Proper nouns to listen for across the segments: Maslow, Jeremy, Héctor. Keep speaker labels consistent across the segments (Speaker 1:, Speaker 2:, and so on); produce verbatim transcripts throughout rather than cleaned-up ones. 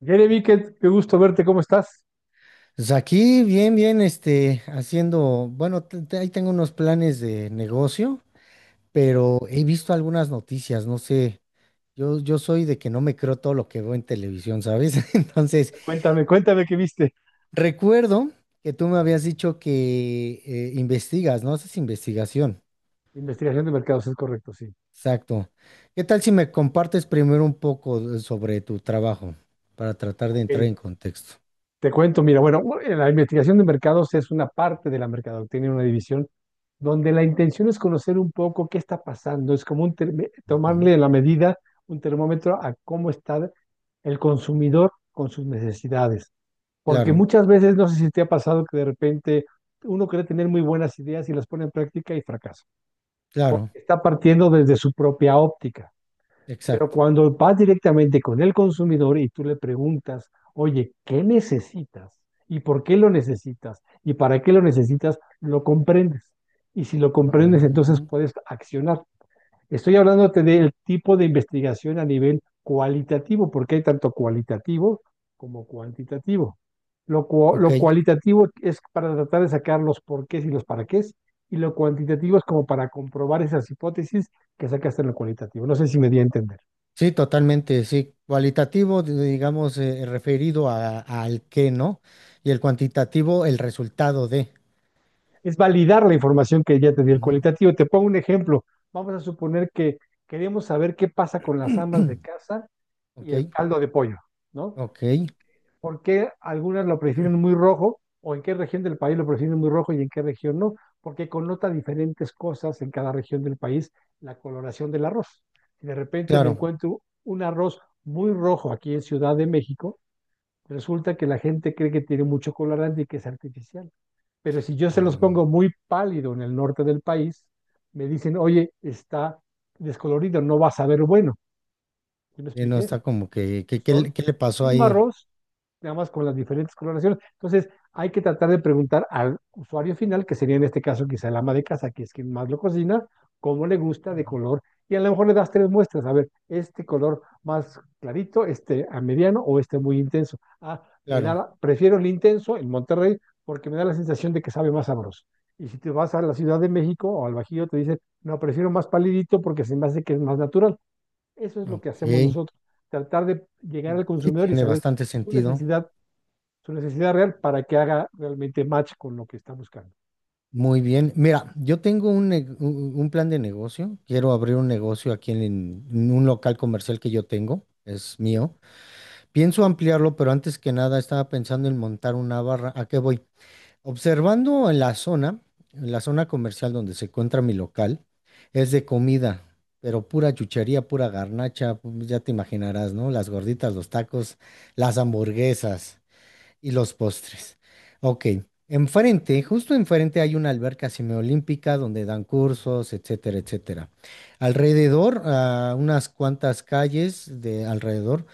Speaker 1: Jeremy, qué, qué gusto verte, ¿cómo estás?
Speaker 2: Pues aquí, bien, bien, este, haciendo, bueno, te- te- ahí tengo unos planes de negocio,
Speaker 1: Sí.
Speaker 2: pero he visto algunas noticias, no sé, yo, yo soy de que no me creo todo lo que veo en televisión, ¿sabes? Entonces,
Speaker 1: Cuéntame, cuéntame qué viste.
Speaker 2: recuerdo que tú me habías dicho que eh, investigas, ¿no? Haces investigación,
Speaker 1: Investigación de mercados, es correcto, sí.
Speaker 2: exacto. ¿Qué tal si me compartes primero un poco de- sobre tu trabajo para tratar de
Speaker 1: Ok,
Speaker 2: entrar en contexto?
Speaker 1: te cuento, mira, bueno, bueno, la investigación de mercados es una parte de la mercadotecnia, una división donde la intención es conocer un poco qué está pasando, es como un term-
Speaker 2: Ujú.
Speaker 1: tomarle la medida, un termómetro a cómo está el consumidor con sus necesidades. Porque
Speaker 2: Claro,
Speaker 1: muchas veces, no sé si te ha pasado que de repente uno cree tener muy buenas ideas y las pone en práctica y fracasa.
Speaker 2: claro,
Speaker 1: Está partiendo desde su propia óptica. Pero
Speaker 2: exacto.
Speaker 1: cuando vas directamente con el consumidor y tú le preguntas, oye, ¿qué necesitas? ¿Y por qué lo necesitas? ¿Y para qué lo necesitas? Lo comprendes. Y si lo comprendes, entonces
Speaker 2: Ujú.
Speaker 1: puedes accionar. Estoy hablándote del tipo de investigación a nivel cualitativo, porque hay tanto cualitativo como cuantitativo. Lo, cua-
Speaker 2: Ok.
Speaker 1: lo cualitativo es para tratar de sacar los porqués y los para qués, y lo cuantitativo es como para comprobar esas hipótesis que sacaste en lo cualitativo. No sé si me di a entender.
Speaker 2: Sí, totalmente, sí. Cualitativo, di- digamos, eh, eh, referido a, al qué, ¿no? Y el cuantitativo, el resultado de.
Speaker 1: es validar la información que ya te dio el
Speaker 2: Ujú.
Speaker 1: cualitativo. Te pongo un ejemplo. Vamos a suponer que queremos saber qué pasa con las amas de casa y
Speaker 2: Ok,
Speaker 1: el caldo de pollo, ¿no?
Speaker 2: ok,
Speaker 1: ¿Por qué algunas lo prefieren muy rojo o en qué región del país lo prefieren muy rojo y en qué región no? Porque connota diferentes cosas en cada región del país la coloración del arroz. Si de repente me
Speaker 2: claro.
Speaker 1: encuentro un arroz muy rojo aquí en Ciudad de México, resulta que la gente cree que tiene mucho colorante y que es artificial. Pero si yo se los
Speaker 2: Ah,
Speaker 1: pongo muy pálido en el norte del país, me dicen, oye, está descolorido, no vas a ver bueno. ¿Sí me
Speaker 2: sí, no
Speaker 1: expliqué?
Speaker 2: está como que, que- ¿qué,
Speaker 1: son
Speaker 2: le qué le pasó
Speaker 1: el mismo
Speaker 2: ahí?
Speaker 1: arroz, nada más con las diferentes coloraciones. Entonces, hay que tratar de preguntar al usuario final, que sería en este caso quizá el ama de casa, que es quien más lo cocina, cómo le gusta de
Speaker 2: Ujú.
Speaker 1: color. Y a lo mejor le das tres muestras, a ver, este color más clarito, este a mediano o este muy intenso. Ah, me da,
Speaker 2: Claro,
Speaker 1: la- prefiero el intenso en Monterrey porque me da la sensación de que sabe más sabroso. Y si te vas a la Ciudad de México o al Bajío, te dicen, no, prefiero más palidito porque se me hace que es más natural. Eso es lo que hacemos
Speaker 2: ok.
Speaker 1: nosotros, tratar de llegar al
Speaker 2: Sí,
Speaker 1: consumidor y
Speaker 2: tiene
Speaker 1: saber
Speaker 2: bastante
Speaker 1: su
Speaker 2: sentido.
Speaker 1: necesidad, su necesidad real para que haga realmente match con lo que está buscando.
Speaker 2: Muy bien. Mira, yo tengo un, ne- un un plan de negocio. Quiero abrir un negocio aquí en en un local comercial que yo tengo, es
Speaker 1: Sí,
Speaker 2: mío. Pienso ampliarlo, pero antes que nada estaba pensando en montar una barra. ¿A qué voy? Observando en la zona, en la zona comercial donde se encuentra mi local, es de comida, pero pura chuchería, pura garnacha, pues ya te imaginarás, ¿no? Las gorditas, los tacos, las hamburguesas. Y los postres. Ok. Enfrente, justo enfrente hay una alberca semiolímpica donde dan cursos, etcétera, etcétera. Alrededor, a unas cuantas calles de alrededor,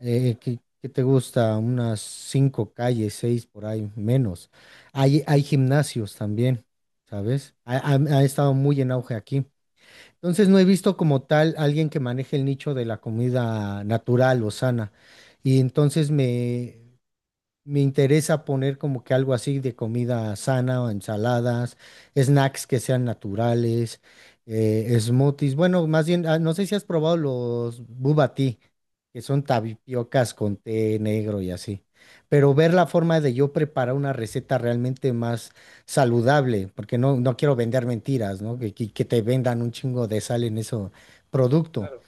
Speaker 2: eh, ¿qué, qué te gusta? Unas cinco calles, seis por ahí, menos. Hay, hay gimnasios también, ¿sabes? Ha, ha- ha estado muy en auge aquí. Entonces no he visto como tal alguien que maneje el nicho de la comida natural o sana. Y entonces me, me interesa poner como que algo así de comida sana o ensaladas, snacks que sean naturales, eh, smoothies. Bueno, más bien, ah, no sé si has probado los boba tea, que son tapiocas con té negro y así. Pero ver la forma de yo preparar una receta realmente más saludable, porque no, no quiero vender mentiras, ¿no? Que, que que te vendan un chingo de sal en ese producto.
Speaker 1: claro.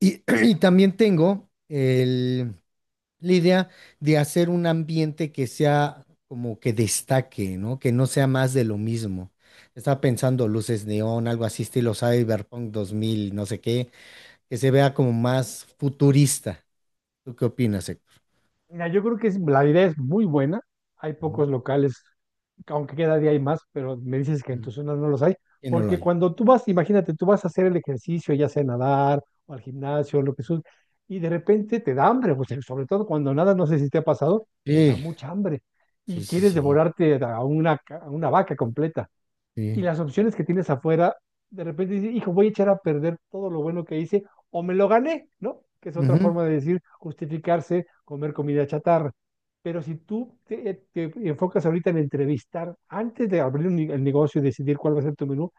Speaker 2: Y, y también tengo el... La idea de hacer un ambiente que sea como que destaque, ¿no? Que no sea más de lo mismo. Estaba pensando luces neón, algo así estilo Cyberpunk dos mil, no sé qué, que se vea como más futurista. ¿Tú qué opinas, Héctor?
Speaker 1: Mira, yo creo que es- la idea es muy buena. Hay
Speaker 2: Ujú,
Speaker 1: pocos locales, aunque cada día hay más, pero me dices que en tu
Speaker 2: ujú.
Speaker 1: zona no los hay.
Speaker 2: Y no lo
Speaker 1: Porque
Speaker 2: hay.
Speaker 1: cuando tú vas, imagínate, tú vas a hacer el ejercicio, ya sea nadar o al gimnasio, lo que sea, y de repente te da hambre, pues, sobre todo cuando nada, no sé si te ha pasado, te da
Speaker 2: Sí,
Speaker 1: mucha hambre y
Speaker 2: sí, sí,
Speaker 1: quieres
Speaker 2: sí.
Speaker 1: devorarte a una, ca- a una vaca completa. Y
Speaker 2: Sí.
Speaker 1: las opciones que tienes afuera, de repente dices, hijo, voy a echar a perder todo lo bueno que hice o me lo gané, ¿no? Que es otra
Speaker 2: Ujú.
Speaker 1: forma de decir justificarse, comer comida chatarra. Pero si tú te, eh, te enfocas ahorita en entrevistar, antes de abrir un, ne- el negocio y decidir cuál va a ser tu menú,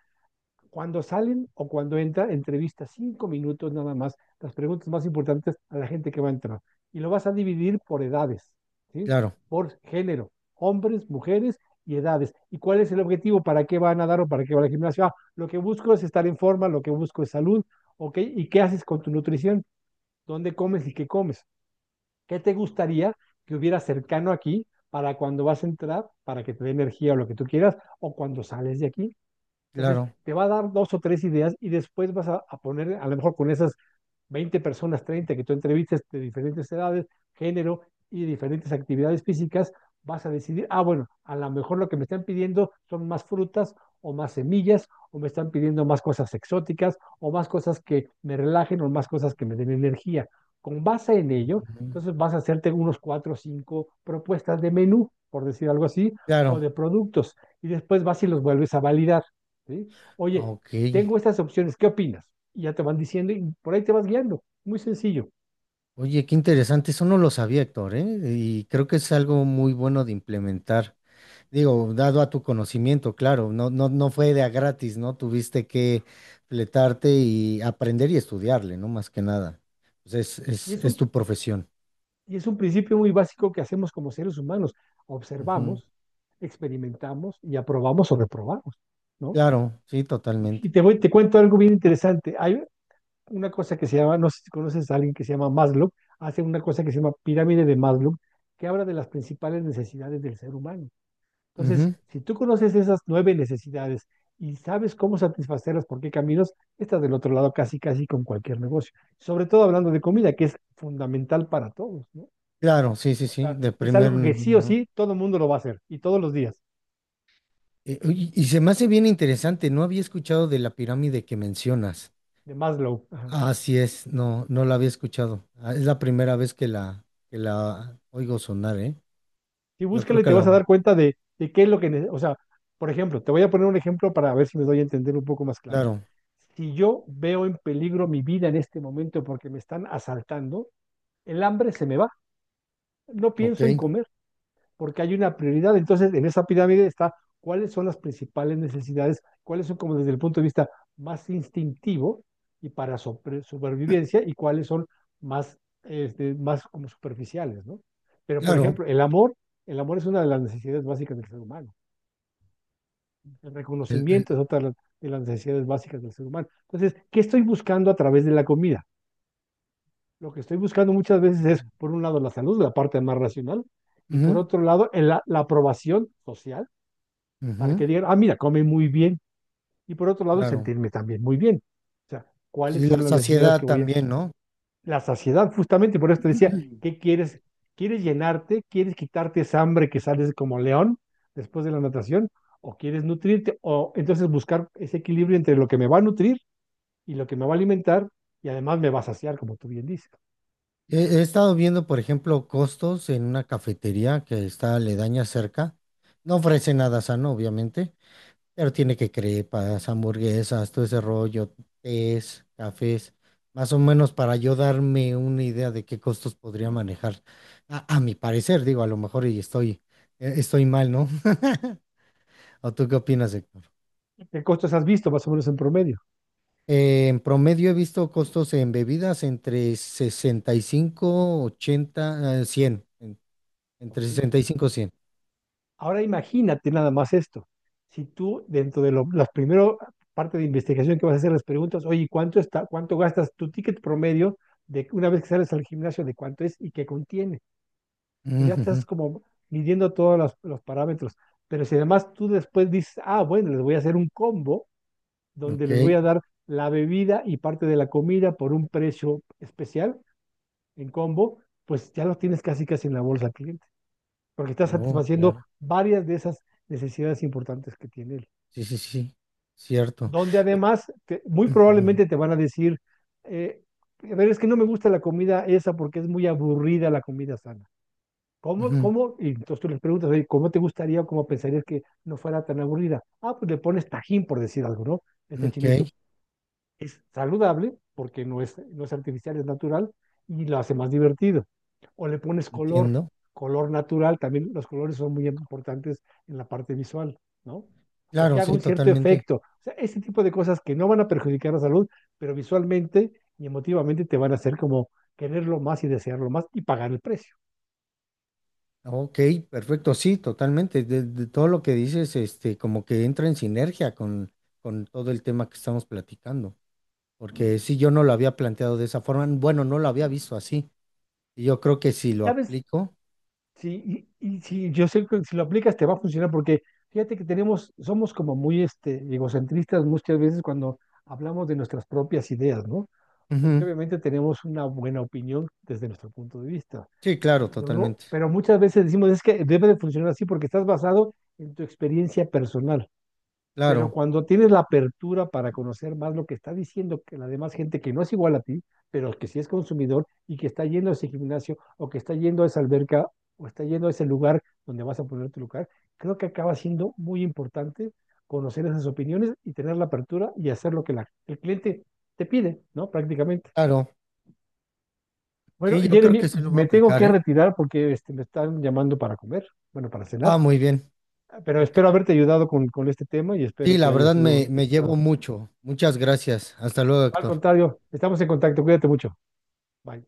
Speaker 1: cuando salen o cuando entra, entrevista cinco minutos nada más, las preguntas más importantes a la gente que va a entrar. Y lo vas a dividir por edades, ¿sí?
Speaker 2: Claro,
Speaker 1: Por género, hombres, mujeres y edades. ¿Y cuál es el objetivo? ¿Para qué van a dar o para qué va al gimnasio? Ah, lo que busco es estar en forma, lo que busco es salud, ¿ok? ¿Y qué haces con tu nutrición? ¿Dónde comes y qué comes? ¿Qué te gustaría que hubiera cercano aquí para cuando vas a entrar, para que te dé energía o lo que tú quieras, o cuando sales de aquí? Entonces,
Speaker 2: claro.
Speaker 1: te va a dar dos o tres ideas y después vas a, a poner, a lo mejor con esas veinte personas, treinta que tú entrevistas de diferentes edades, género y diferentes actividades físicas, vas a decidir, ah, bueno, a lo mejor lo que me están pidiendo son más frutas o más semillas, o me están pidiendo más cosas exóticas, o más cosas que me relajen, o más cosas que me den energía. Con base en ello,
Speaker 2: Ujú.
Speaker 1: entonces vas a hacerte unos cuatro o cinco propuestas de menú, por decir algo así, o
Speaker 2: Claro.
Speaker 1: de productos, y después vas y los vuelves a validar. ¿Sí? Oye,
Speaker 2: Ok.
Speaker 1: tengo estas opciones, ¿qué opinas? Y ya te van diciendo y por ahí te vas guiando. Muy sencillo.
Speaker 2: Oye, qué interesante. Eso no lo sabía, Héctor, ¿eh? Y creo que es algo muy bueno de implementar. Digo, dado a tu conocimiento, claro, no, no, no fue de a gratis, ¿no? Tuviste que fletarte y aprender y estudiarle, ¿no? Más que nada. Pues es,
Speaker 1: Y
Speaker 2: es,
Speaker 1: es
Speaker 2: es
Speaker 1: un,
Speaker 2: tu profesión.
Speaker 1: y es un principio muy básico que hacemos como seres humanos.
Speaker 2: Ujú.
Speaker 1: Observamos, experimentamos y aprobamos o reprobamos, ¿no?
Speaker 2: Claro, sí,
Speaker 1: Y
Speaker 2: totalmente.
Speaker 1: te voy, te cuento algo bien interesante. Hay una cosa que se llama, no sé si conoces a alguien que se llama Maslow, hace una cosa que se llama pirámide de Maslow, que habla de las principales necesidades del ser humano. Entonces,
Speaker 2: Ujú.
Speaker 1: si tú conoces esas nueve necesidades y sabes cómo satisfacerlas, por qué caminos, estás del otro lado casi, casi con cualquier negocio. Sobre todo hablando de comida, que es fundamental para todos, ¿no?
Speaker 2: Claro, sí, sí,
Speaker 1: O
Speaker 2: sí,
Speaker 1: sea,
Speaker 2: de
Speaker 1: es
Speaker 2: primer
Speaker 1: algo que sí
Speaker 2: nivel,
Speaker 1: o
Speaker 2: ¿no?
Speaker 1: sí todo el mundo lo va a hacer y todos los días,
Speaker 2: Eh, oye, y se me hace bien interesante, no había escuchado de la pirámide que mencionas.
Speaker 1: de Maslow. Ajá.
Speaker 2: Ah, así es, no, no la había escuchado. Ah, es la primera vez que la, que la oigo sonar, ¿eh?
Speaker 1: Y
Speaker 2: Yo
Speaker 1: búscala
Speaker 2: creo
Speaker 1: y
Speaker 2: que
Speaker 1: te vas a
Speaker 2: lo,
Speaker 1: dar cuenta de, de qué es lo que, ne- o sea, por ejemplo, te voy a poner un ejemplo para ver si me doy a entender un poco más claro.
Speaker 2: claro,
Speaker 1: Si yo veo en peligro mi vida en este momento porque me están asaltando, el hambre se me va. No
Speaker 2: ok,
Speaker 1: pienso en comer porque hay una prioridad. Entonces, en esa pirámide está cuáles son las principales necesidades, cuáles son como desde el punto de vista más instintivo y para sobre- supervivencia y cuáles son más, este, más como superficiales, ¿no? Pero, por
Speaker 2: claro.
Speaker 1: ejemplo, el amor, el amor es una de las necesidades básicas del ser humano. El
Speaker 2: El...
Speaker 1: reconocimiento es otra de las necesidades básicas del ser humano. Entonces, ¿qué estoy buscando a través de la comida? Lo que estoy buscando muchas veces es, por un lado, la salud, la parte más racional, y por
Speaker 2: Ujú,
Speaker 1: otro lado, el- la la aprobación social, para
Speaker 2: ujú,
Speaker 1: que digan, ah, mira, come muy bien. Y por otro lado, el
Speaker 2: claro.
Speaker 1: sentirme también muy bien. O sea, ¿cuáles
Speaker 2: Y la
Speaker 1: son las necesidades
Speaker 2: saciedad
Speaker 1: que voy a...
Speaker 2: también, ¿no?
Speaker 1: La saciedad, justamente, por eso te decía, ¿qué quieres? ¿Quieres llenarte? ¿Quieres quitarte esa hambre que sales como león después de la natación? ¿O quieres nutrirte? O entonces buscar ese equilibrio entre lo que me va a nutrir y lo que me va a alimentar y además me va a saciar, como tú bien dices.
Speaker 2: He, he estado viendo, por ejemplo, costos en una cafetería que está aledaña cerca. No ofrece nada sano, obviamente, pero tiene que crepas, hamburguesas, todo ese rollo, tés, cafés, más o menos para yo darme una idea de qué costos podría manejar. A, a mi parecer, digo, a lo mejor y estoy, eh, estoy mal, ¿no? ¿O tú qué opinas, Héctor?
Speaker 1: ¿Qué costos has visto más o menos en promedio?
Speaker 2: Eh, en promedio he visto costos en bebidas entre sesenta y cinco, ochenta, eh, cien, en-
Speaker 1: Ok.
Speaker 2: entre sesenta y cien.
Speaker 1: Ahora imagínate nada más esto. Si tú dentro de lo- la primera parte de investigación que vas a hacer las preguntas, oye, ¿cuánto está, cuánto gastas tu ticket promedio de una vez que sales al gimnasio de cuánto es y qué contiene? Entonces ya
Speaker 2: Ujujú.
Speaker 1: estás como midiendo todos los, los parámetros. Pero si además tú después dices, ah, bueno, les voy a hacer un combo donde
Speaker 2: Ok,
Speaker 1: les voy a dar la bebida y parte de la comida por un precio especial en combo, pues ya lo tienes casi casi en la bolsa aquí porque está
Speaker 2: no,
Speaker 1: satisfaciendo
Speaker 2: claro,
Speaker 1: varias de esas necesidades importantes que tiene él.
Speaker 2: sí, sí, sí, sí, cierto.
Speaker 1: Donde
Speaker 2: Oh.
Speaker 1: además, te- muy
Speaker 2: Ujú,
Speaker 1: probablemente te van a decir, eh, a ver, es que no me gusta la comida esa porque es muy aburrida la comida sana. ¿Cómo, cómo? Y entonces tú les preguntas, oye, ¿cómo te gustaría o cómo pensarías que no fuera tan aburrida? Ah, pues le pones tajín, por decir algo, ¿no?
Speaker 2: ujú.
Speaker 1: Este
Speaker 2: Ok,
Speaker 1: chilito es saludable porque no es, no es artificial, es natural y lo hace más divertido. O le pones color,
Speaker 2: entiendo.
Speaker 1: color natural, también los colores son muy importantes en la parte visual, ¿no? O que
Speaker 2: Claro,
Speaker 1: haga
Speaker 2: sí,
Speaker 1: un cierto
Speaker 2: totalmente.
Speaker 1: efecto. O sea, ese tipo de cosas que no van a perjudicar la salud, pero visualmente y emotivamente te van a hacer como quererlo más y desearlo más y pagar el precio.
Speaker 2: Ok, perfecto, sí, totalmente. De, de todo lo que dices, este, como que entra en sinergia con, con todo el tema que estamos platicando. Porque sí, yo no lo había planteado de esa forma. Bueno, no lo había visto así. Y yo creo que si
Speaker 1: Sí,
Speaker 2: lo
Speaker 1: ¿sabes?
Speaker 2: aplico.
Speaker 1: Sí, y, y sí, yo sé que si lo aplicas te va a funcionar porque fíjate que tenemos, somos como muy este, egocentristas muchas veces cuando hablamos de nuestras propias ideas, ¿no? Porque
Speaker 2: Ujú.
Speaker 1: obviamente tenemos una buena opinión desde nuestro punto de vista,
Speaker 2: Sí, claro,
Speaker 1: pero no,
Speaker 2: totalmente.
Speaker 1: pero muchas veces decimos es que debe de funcionar así porque estás basado en tu experiencia personal. Pero
Speaker 2: Claro,
Speaker 1: cuando tienes la apertura para conocer más lo que está diciendo que la demás gente que no es igual a ti, pero que sí es consumidor y que está yendo a ese gimnasio o que está yendo a esa alberca o está yendo a ese lugar donde vas a poner tu lugar, creo que acaba siendo muy importante conocer esas opiniones y tener la apertura y hacer lo que la- el cliente te pide, ¿no? Prácticamente.
Speaker 2: claro.
Speaker 1: Bueno,
Speaker 2: Sí, yo creo que
Speaker 1: Jeremy,
Speaker 2: sí lo voy a
Speaker 1: me tengo
Speaker 2: aplicar,
Speaker 1: que
Speaker 2: ¿eh?
Speaker 1: retirar porque este, me están llamando para comer, bueno, para
Speaker 2: Ah,
Speaker 1: cenar,
Speaker 2: muy bien.
Speaker 1: pero
Speaker 2: Ok.
Speaker 1: espero haberte ayudado con, con este tema y espero
Speaker 2: Sí, la
Speaker 1: que haya
Speaker 2: verdad
Speaker 1: sido
Speaker 2: me,
Speaker 1: de
Speaker 2: me
Speaker 1: tu agrado.
Speaker 2: llevo mucho. Muchas gracias. Hasta luego,
Speaker 1: Al
Speaker 2: Héctor.
Speaker 1: contrario, estamos en contacto. Cuídate mucho. Bye.